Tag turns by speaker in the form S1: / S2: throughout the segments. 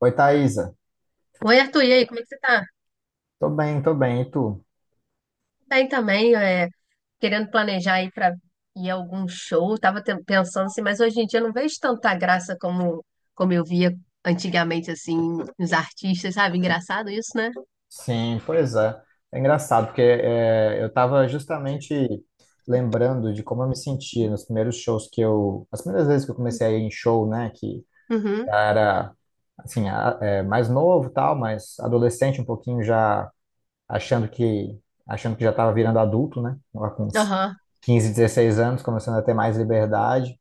S1: Oi, Thaisa.
S2: Oi, Arthur, e aí, como é que você tá?
S1: Tô bem, tô bem. E tu?
S2: Bem também, querendo planejar aí pra ir a algum show, tava pensando assim, mas hoje em dia eu não vejo tanta graça como eu via antigamente, assim, nos artistas, sabe? Engraçado isso, né?
S1: Sim, pois é. É engraçado, porque eu estava justamente lembrando de como eu me sentia nos primeiros shows que as primeiras vezes que eu comecei a ir em show, né? Que
S2: Uhum,
S1: era, assim, mais novo e tal, mas adolescente um pouquinho já achando achando que já estava virando adulto, né? Lá com uns
S2: aham.
S1: 15, 16 anos, começando a ter mais liberdade,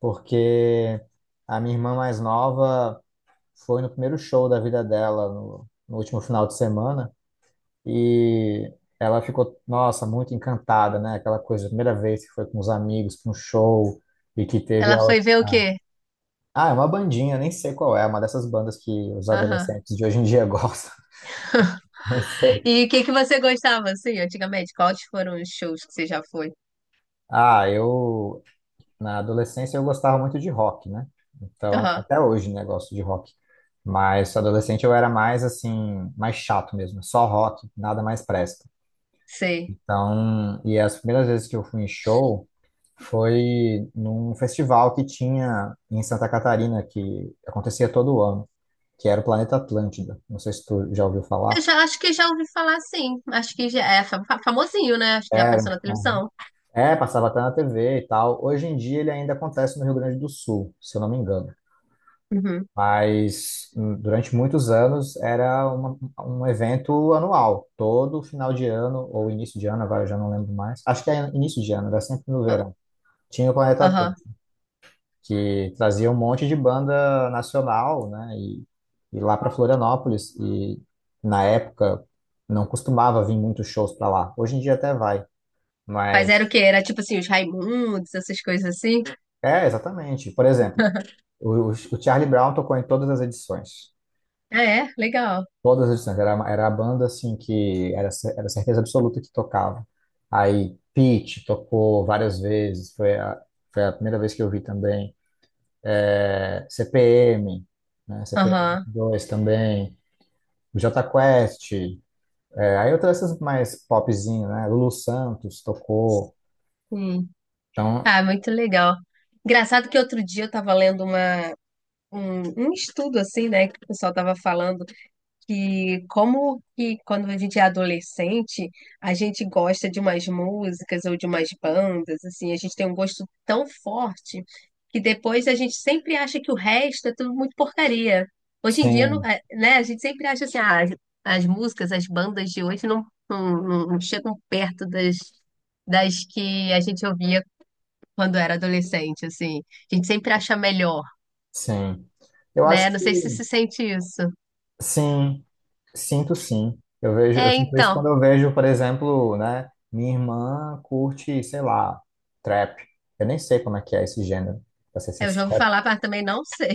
S1: porque a minha irmã mais nova foi no primeiro show da vida dela, no último final de semana, e ela ficou, nossa, muito encantada, né? Aquela coisa, a primeira vez que foi com os amigos para um show, e que teve
S2: Ela
S1: ela.
S2: foi ver o quê?
S1: Ah, é uma bandinha, nem sei qual é, uma dessas bandas que os
S2: Aham.
S1: adolescentes de hoje em dia gostam, não sei.
S2: E o que que você gostava, assim, antigamente? Quais foram os shows que você já foi?
S1: Ah, na adolescência, eu gostava muito de rock, né? Então,
S2: Aham,
S1: até hoje, né, gosto de rock. Mas adolescente eu era mais assim, mais chato mesmo, só rock, nada mais presta.
S2: sei.
S1: Então, e as primeiras vezes que eu fui em show foi num festival que tinha em Santa Catarina, que acontecia todo ano, que era o Planeta Atlântida. Não sei se tu já ouviu
S2: Eu
S1: falar.
S2: já acho que já ouvi falar, sim. Acho que já é famosinho, né? Acho que já
S1: Era.
S2: apareceu na
S1: Uhum.
S2: televisão.
S1: É, passava até na TV e tal. Hoje em dia ele ainda acontece no Rio Grande do Sul, se eu não me engano.
S2: Uhum.
S1: Mas durante muitos anos era um evento anual, todo final de ano ou início de ano, agora eu já não lembro mais. Acho que é início de ano, era sempre no
S2: Ah,
S1: verão. Tinha o Planeta
S2: aham.
S1: que trazia um monte de banda nacional, né? E lá para Florianópolis. E na época não costumava vir muitos shows para lá. Hoje em dia até vai,
S2: Mas era o
S1: mas
S2: quê? Era tipo assim, os Raimundos, essas coisas assim?
S1: é exatamente. Por exemplo, o Charlie Brown tocou em todas as edições.
S2: Ah, é? Legal.
S1: Todas as edições. Era, era a banda assim que era, era certeza absoluta que tocava. Aí Pitty tocou várias vezes. Foi a primeira vez que eu vi também. É, CPM, né? CPM
S2: Aham.
S1: dois também. Jota Quest, aí outras essas mais popzinho, né? Lulu Santos tocou.
S2: Hum.
S1: Então,
S2: Ah, muito legal. Engraçado que outro dia eu tava lendo um, um estudo assim, né, que o pessoal tava falando que como que quando a gente é adolescente, a gente gosta de umas músicas ou de umas bandas, assim, a gente tem um gosto tão forte que depois a gente sempre acha que o resto é tudo muito porcaria. Hoje em dia,
S1: sim,
S2: é, né, a gente sempre acha assim, ah, as músicas, as bandas de hoje não chegam perto das que a gente ouvia quando era adolescente, assim. A gente sempre acha melhor,
S1: sim. Eu acho
S2: né? Não
S1: que
S2: sei se se sente isso.
S1: sim, sinto sim. Eu vejo, eu
S2: É,
S1: sinto isso quando
S2: então,
S1: eu vejo, por exemplo, né? Minha irmã curte, sei lá, trap. Eu nem sei como é que é esse gênero, pra ser
S2: eu já ouvi
S1: sincero.
S2: falar, mas também não sei.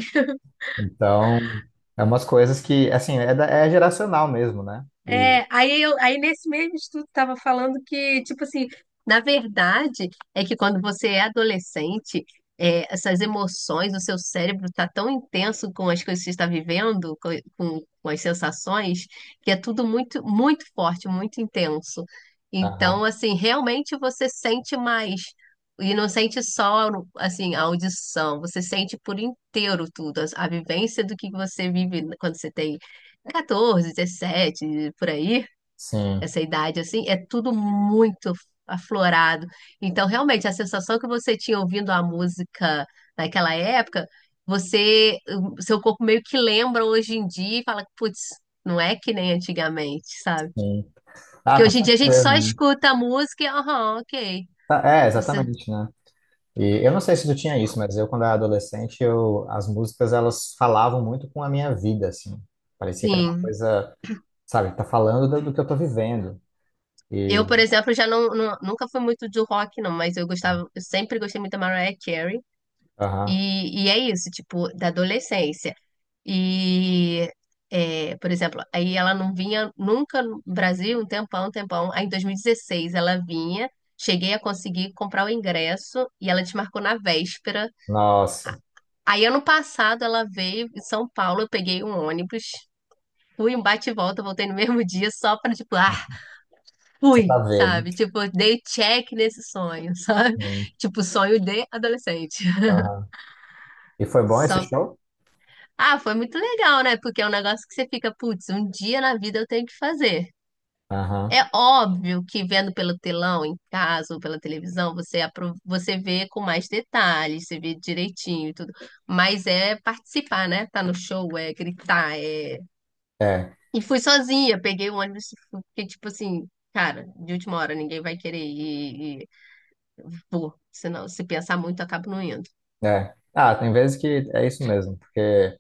S1: Então, é umas coisas que, assim, é, é geracional mesmo, né? E,
S2: É, aí, aí nesse mesmo estudo estava falando que, tipo assim, na verdade é que quando você é adolescente, essas emoções, o seu cérebro está tão intenso com as coisas que você está vivendo, com as sensações, que é tudo muito, muito forte, muito intenso.
S1: aham,
S2: Então, assim, realmente você sente mais. E não sente só, assim, a audição, você sente por inteiro tudo, a vivência do que você vive quando você tem 14, 17 por aí,
S1: sim,
S2: essa idade assim, é tudo muito aflorado. Então, realmente, a sensação que você tinha ouvindo a música naquela época, você, o seu corpo meio que lembra hoje em dia e fala, putz, não é que nem antigamente, sabe?
S1: sim.
S2: Porque
S1: Ah, com
S2: hoje em dia a gente só
S1: certeza.
S2: escuta a música e, aham, ok.
S1: Tá, é,
S2: Você,
S1: exatamente, né? E eu não sei se tu tinha isso, mas eu, quando era adolescente, eu, as músicas, elas falavam muito com a minha vida, assim. Parecia que era uma
S2: sim.
S1: coisa, sabe, tá falando do, do que eu tô vivendo. E,
S2: Eu, por exemplo, já nunca fui muito do rock, não, mas eu gostava, eu sempre gostei muito da Mariah Carey.
S1: aham,
S2: E é isso, tipo, da adolescência. E, por exemplo, aí ela não vinha nunca no Brasil, um tempão, um tempão. Aí em 2016 ela vinha, cheguei a conseguir comprar o ingresso e ela desmarcou na véspera.
S1: nossa,
S2: Aí ano passado ela veio em São Paulo, eu peguei um ônibus, fui um bate e volta, voltei no mesmo dia só pra, tipo, ah,
S1: só
S2: fui,
S1: pra ver, né?
S2: sabe? Tipo, dei check nesse sonho, sabe?
S1: Sim,
S2: Tipo, sonho de adolescente.
S1: aham. E foi bom esse
S2: Só
S1: show?
S2: Ah, foi muito legal, né? Porque é um negócio que você fica, putz, um dia na vida eu tenho que fazer.
S1: Aham,
S2: É óbvio que vendo pelo telão em casa ou pela televisão, você vê com mais detalhes, você vê direitinho e tudo. Mas é participar, né? Tá no show, é gritar, é...
S1: é,
S2: E fui sozinha, peguei o ônibus, porque tipo assim, cara, de última hora ninguém vai querer ir e vou. Senão, se pensar muito, eu acabo não indo.
S1: é. Ah, tem vezes que é isso mesmo, porque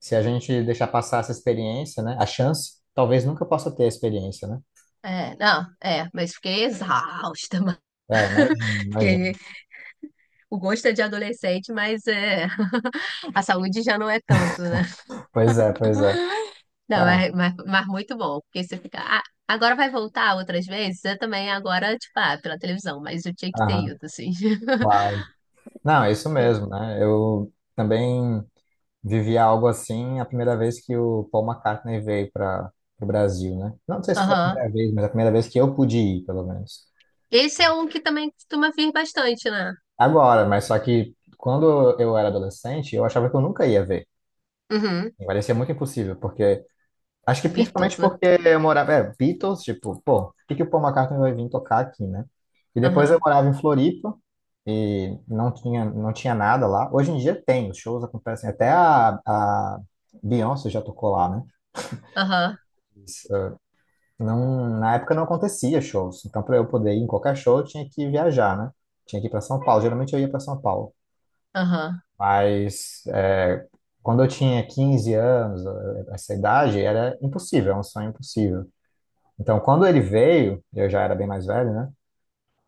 S1: se a gente deixar passar essa experiência, né, a chance, talvez nunca possa ter a experiência, né?
S2: É, não, é, mas fiquei exausta, mas...
S1: É, imagina, imagina.
S2: fiquei O gosto é de adolescente, mas é... a saúde já não é tanto, né?
S1: Pois é, pois é.
S2: Não,
S1: Ah,
S2: mas muito bom, porque você fica. "Ah, agora vai voltar outras vezes? Eu também, agora, tipo, ah, pela televisão, mas eu tinha que ter
S1: aham.
S2: ido, assim.
S1: Claro. Não, é isso mesmo, né? Eu também vivi algo assim a primeira vez que o Paul McCartney veio para o Brasil, né? Não sei se foi a
S2: Aham.
S1: primeira vez, mas a primeira vez que eu pude ir, pelo menos.
S2: Esse é um que também costuma vir bastante, né?
S1: Agora, mas só que quando eu era adolescente, eu achava que eu nunca ia ver.
S2: Uhum.
S1: Me parecia muito impossível, porque acho que
S2: Beatles,
S1: principalmente
S2: né?
S1: porque eu morava, é, Beatles, tipo, pô, por que que o Paul McCartney vai vir tocar aqui, né? E depois eu
S2: Aham,
S1: morava em Floripa e não tinha, não tinha nada lá. Hoje em dia tem, os shows acontecem, até a Beyoncé já tocou lá, né?
S2: aham,
S1: Mas, não, na época não acontecia shows, então para eu poder ir em qualquer show eu tinha que viajar, né? Tinha que ir para São Paulo, geralmente eu ia para São Paulo,
S2: aham.
S1: mas quando eu tinha 15 anos, essa idade, era impossível, era um sonho impossível. Então, quando ele veio, eu já era bem mais velho, né?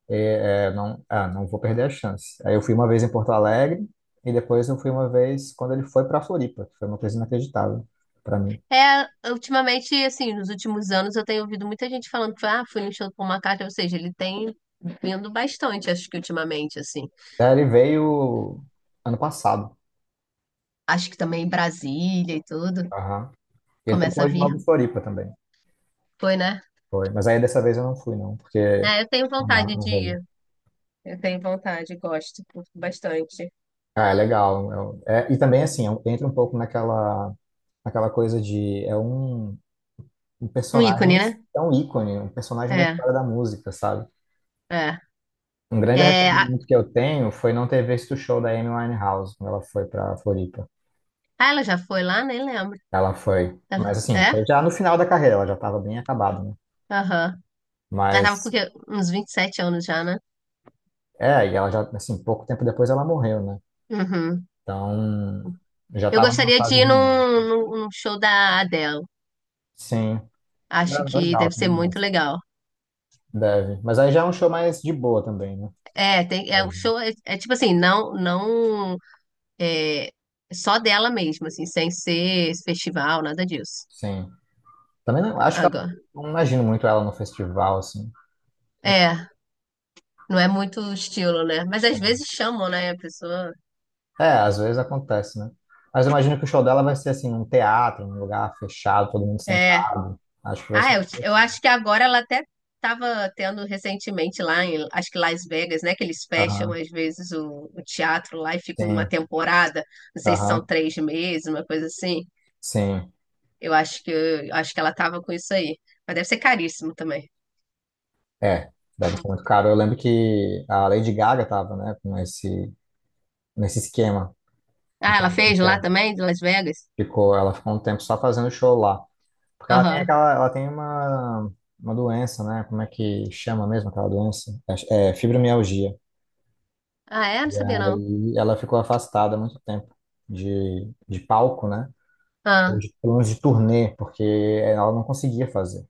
S1: E, não, ah, não vou perder a chance. Aí eu fui uma vez em Porto Alegre e depois eu fui uma vez quando ele foi para Floripa, que foi uma coisa inacreditável para mim.
S2: É, ultimamente, assim, nos últimos anos eu tenho ouvido muita gente falando que, ah, fui no show do Paul McCartney, ou seja, ele tem vindo bastante, acho que ultimamente, assim.
S1: Aí ele veio ano passado.
S2: Acho que também Brasília e tudo
S1: Aham. E ele
S2: começa
S1: tocou
S2: a
S1: de
S2: vir.
S1: novo em Floripa também.
S2: Foi, né?
S1: Foi. Mas aí dessa vez eu não fui, não, porque
S2: É, eu tenho
S1: não dá,
S2: vontade
S1: não
S2: de
S1: rolou.
S2: ir. Eu tenho vontade, gosto, curto bastante.
S1: Ah, é legal. É, e também, assim, é entra um pouco naquela, naquela coisa de. É um
S2: Um
S1: personagem,
S2: ícone, né?
S1: é um ícone, um personagem da
S2: É,
S1: história da música, sabe?
S2: é.
S1: Um grande
S2: é a-
S1: arrependimento que eu tenho foi não ter visto o show da Amy Winehouse quando ela foi para Floripa.
S2: ah, ela já foi lá? Nem lembro.
S1: Ela foi,
S2: Ela-
S1: mas assim, foi
S2: É?
S1: já no final da carreira, ela já estava bem acabada, né?
S2: Aham. Ela tava com o
S1: Mas
S2: quê? Uns 27 anos já, né?
S1: é, e ela já assim, pouco tempo depois ela morreu, né?
S2: Uhum.
S1: Então, já
S2: Eu
S1: estava numa
S2: gostaria de
S1: fase
S2: ir num,
S1: ruim.
S2: num- num show da Adele.
S1: Sim.
S2: Acho
S1: É
S2: que
S1: legal,
S2: deve ser
S1: também
S2: muito
S1: gosto.
S2: legal.
S1: Deve. Mas aí já é um show mais de boa também, né?
S2: É, tem, é o show é tipo assim, não, não é, só dela mesma assim, sem ser esse festival, nada disso.
S1: Sim. Também não, acho que ela,
S2: Agora.
S1: não imagino muito ela no festival, assim.
S2: É, não é muito o estilo, né? Mas às vezes chamam, né? A pessoa.
S1: É, às vezes acontece, né? Mas eu imagino que o show dela vai ser assim, num teatro, num lugar fechado, todo mundo
S2: É.
S1: sentado. Acho que vai ser
S2: Ah, eu
S1: assim.
S2: acho que agora ela até estava tendo recentemente lá em, acho que Las Vegas, né? Que eles fecham
S1: Aham,
S2: às vezes o teatro lá e fica uma
S1: sim,
S2: temporada. Não sei se são
S1: aham,
S2: 3 meses, uma coisa assim.
S1: sim.
S2: Eu acho que ela estava com isso aí. Mas deve ser caríssimo também.
S1: É, deve ser muito caro. Eu lembro que a Lady Gaga tava, né, com nesse esquema.
S2: Ah, ela fez
S1: Um.
S2: lá também, de Las Vegas?
S1: Ficou, ela ficou um tempo só fazendo show lá. Porque ela tem
S2: Aham.
S1: aquela, ela tem uma doença, né? Como é que chama mesmo aquela doença? É fibromialgia.
S2: Ah, é? Não
S1: E
S2: sabia não.
S1: aí ela ficou afastada há muito tempo de palco, né? Ou
S2: Ah.
S1: de, pelo menos de turnê, porque ela não conseguia fazer.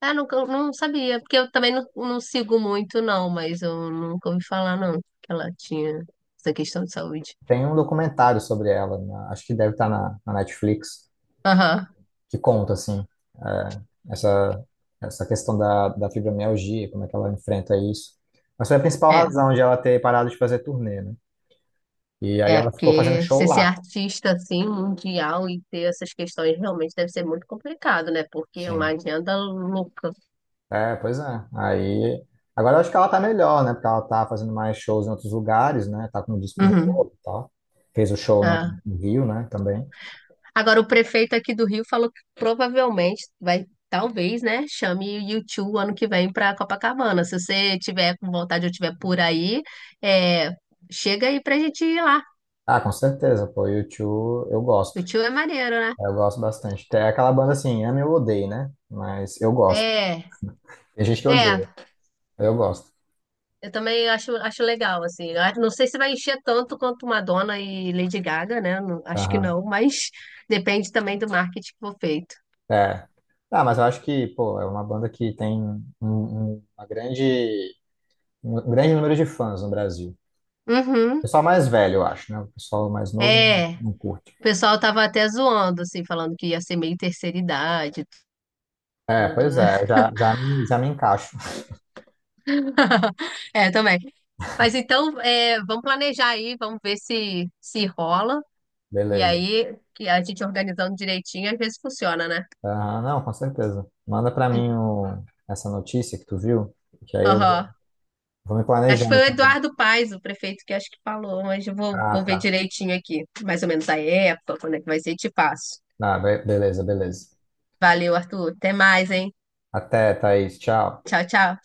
S2: Ah, nunca, eu não sabia, porque eu também não sigo muito, não, mas eu nunca ouvi falar, não, que ela tinha essa questão de saúde.
S1: Tem um documentário sobre ela, acho que deve estar na Netflix,
S2: Aham,
S1: que conta, assim, é, essa, essa questão da fibromialgia, como é que ela enfrenta isso. Mas foi a principal
S2: é.
S1: razão de ela ter parado de fazer turnê, né? E aí
S2: É,
S1: ela ficou fazendo
S2: porque
S1: show
S2: você ser
S1: lá,
S2: artista, assim, mundial e ter essas questões realmente deve ser muito complicado, né? Porque é uma
S1: sim.
S2: agenda louca.
S1: É, pois é. Aí, agora eu acho que ela tá melhor, né? Porque ela tá fazendo mais shows em outros lugares, né? Tá com um disco
S2: Uhum.
S1: novo e tal. Fez o show no
S2: Ah.
S1: no Rio, né? Também.
S2: Agora, o prefeito aqui do Rio falou que provavelmente vai, talvez, né, chame o YouTube ano que vem para Copacabana. Se você tiver com vontade ou tiver por aí, é, chega aí pra gente ir lá.
S1: Ah, com certeza, pô, U2 eu
S2: O
S1: gosto.
S2: tio é maneiro, né?
S1: Eu gosto bastante. Tem aquela banda assim, ame ou odeie, né? Mas eu gosto.
S2: É,
S1: Tem gente que
S2: é.
S1: odeia, eu gosto.
S2: Eu também acho legal, assim. Não sei se vai encher tanto quanto Madonna e Lady Gaga, né? Acho que
S1: Aham,
S2: não, mas depende também do marketing que for feito.
S1: é. Ah, mas eu acho que, pô, é uma banda que tem um grande número de fãs no Brasil.
S2: Uhum.
S1: Pessoal mais velho, eu acho, né? O pessoal mais novo não,
S2: É.
S1: não curte.
S2: O pessoal tava até zoando, assim, falando que ia ser meio terceira idade e
S1: É,
S2: tudo,
S1: pois
S2: né?
S1: é, eu já me encaixo.
S2: É, também. Mas então, vamos planejar aí, vamos ver se se rola. E
S1: Beleza.
S2: aí, que a gente organizando direitinho, às vezes funciona, né?
S1: Aham, não, com certeza. Manda pra mim essa notícia que tu viu, que aí eu
S2: Aham.
S1: vou me
S2: Acho que foi
S1: planejando.
S2: o Eduardo Paes, o prefeito, que acho que falou, mas eu vou,
S1: Ah,
S2: vou ver
S1: tá.
S2: direitinho aqui. Mais ou menos a época, quando é que vai ser, te passo.
S1: Ah, beleza, beleza.
S2: Valeu, Arthur. Até mais, hein?
S1: Até, Thaís. Tchau.
S2: Tchau, tchau.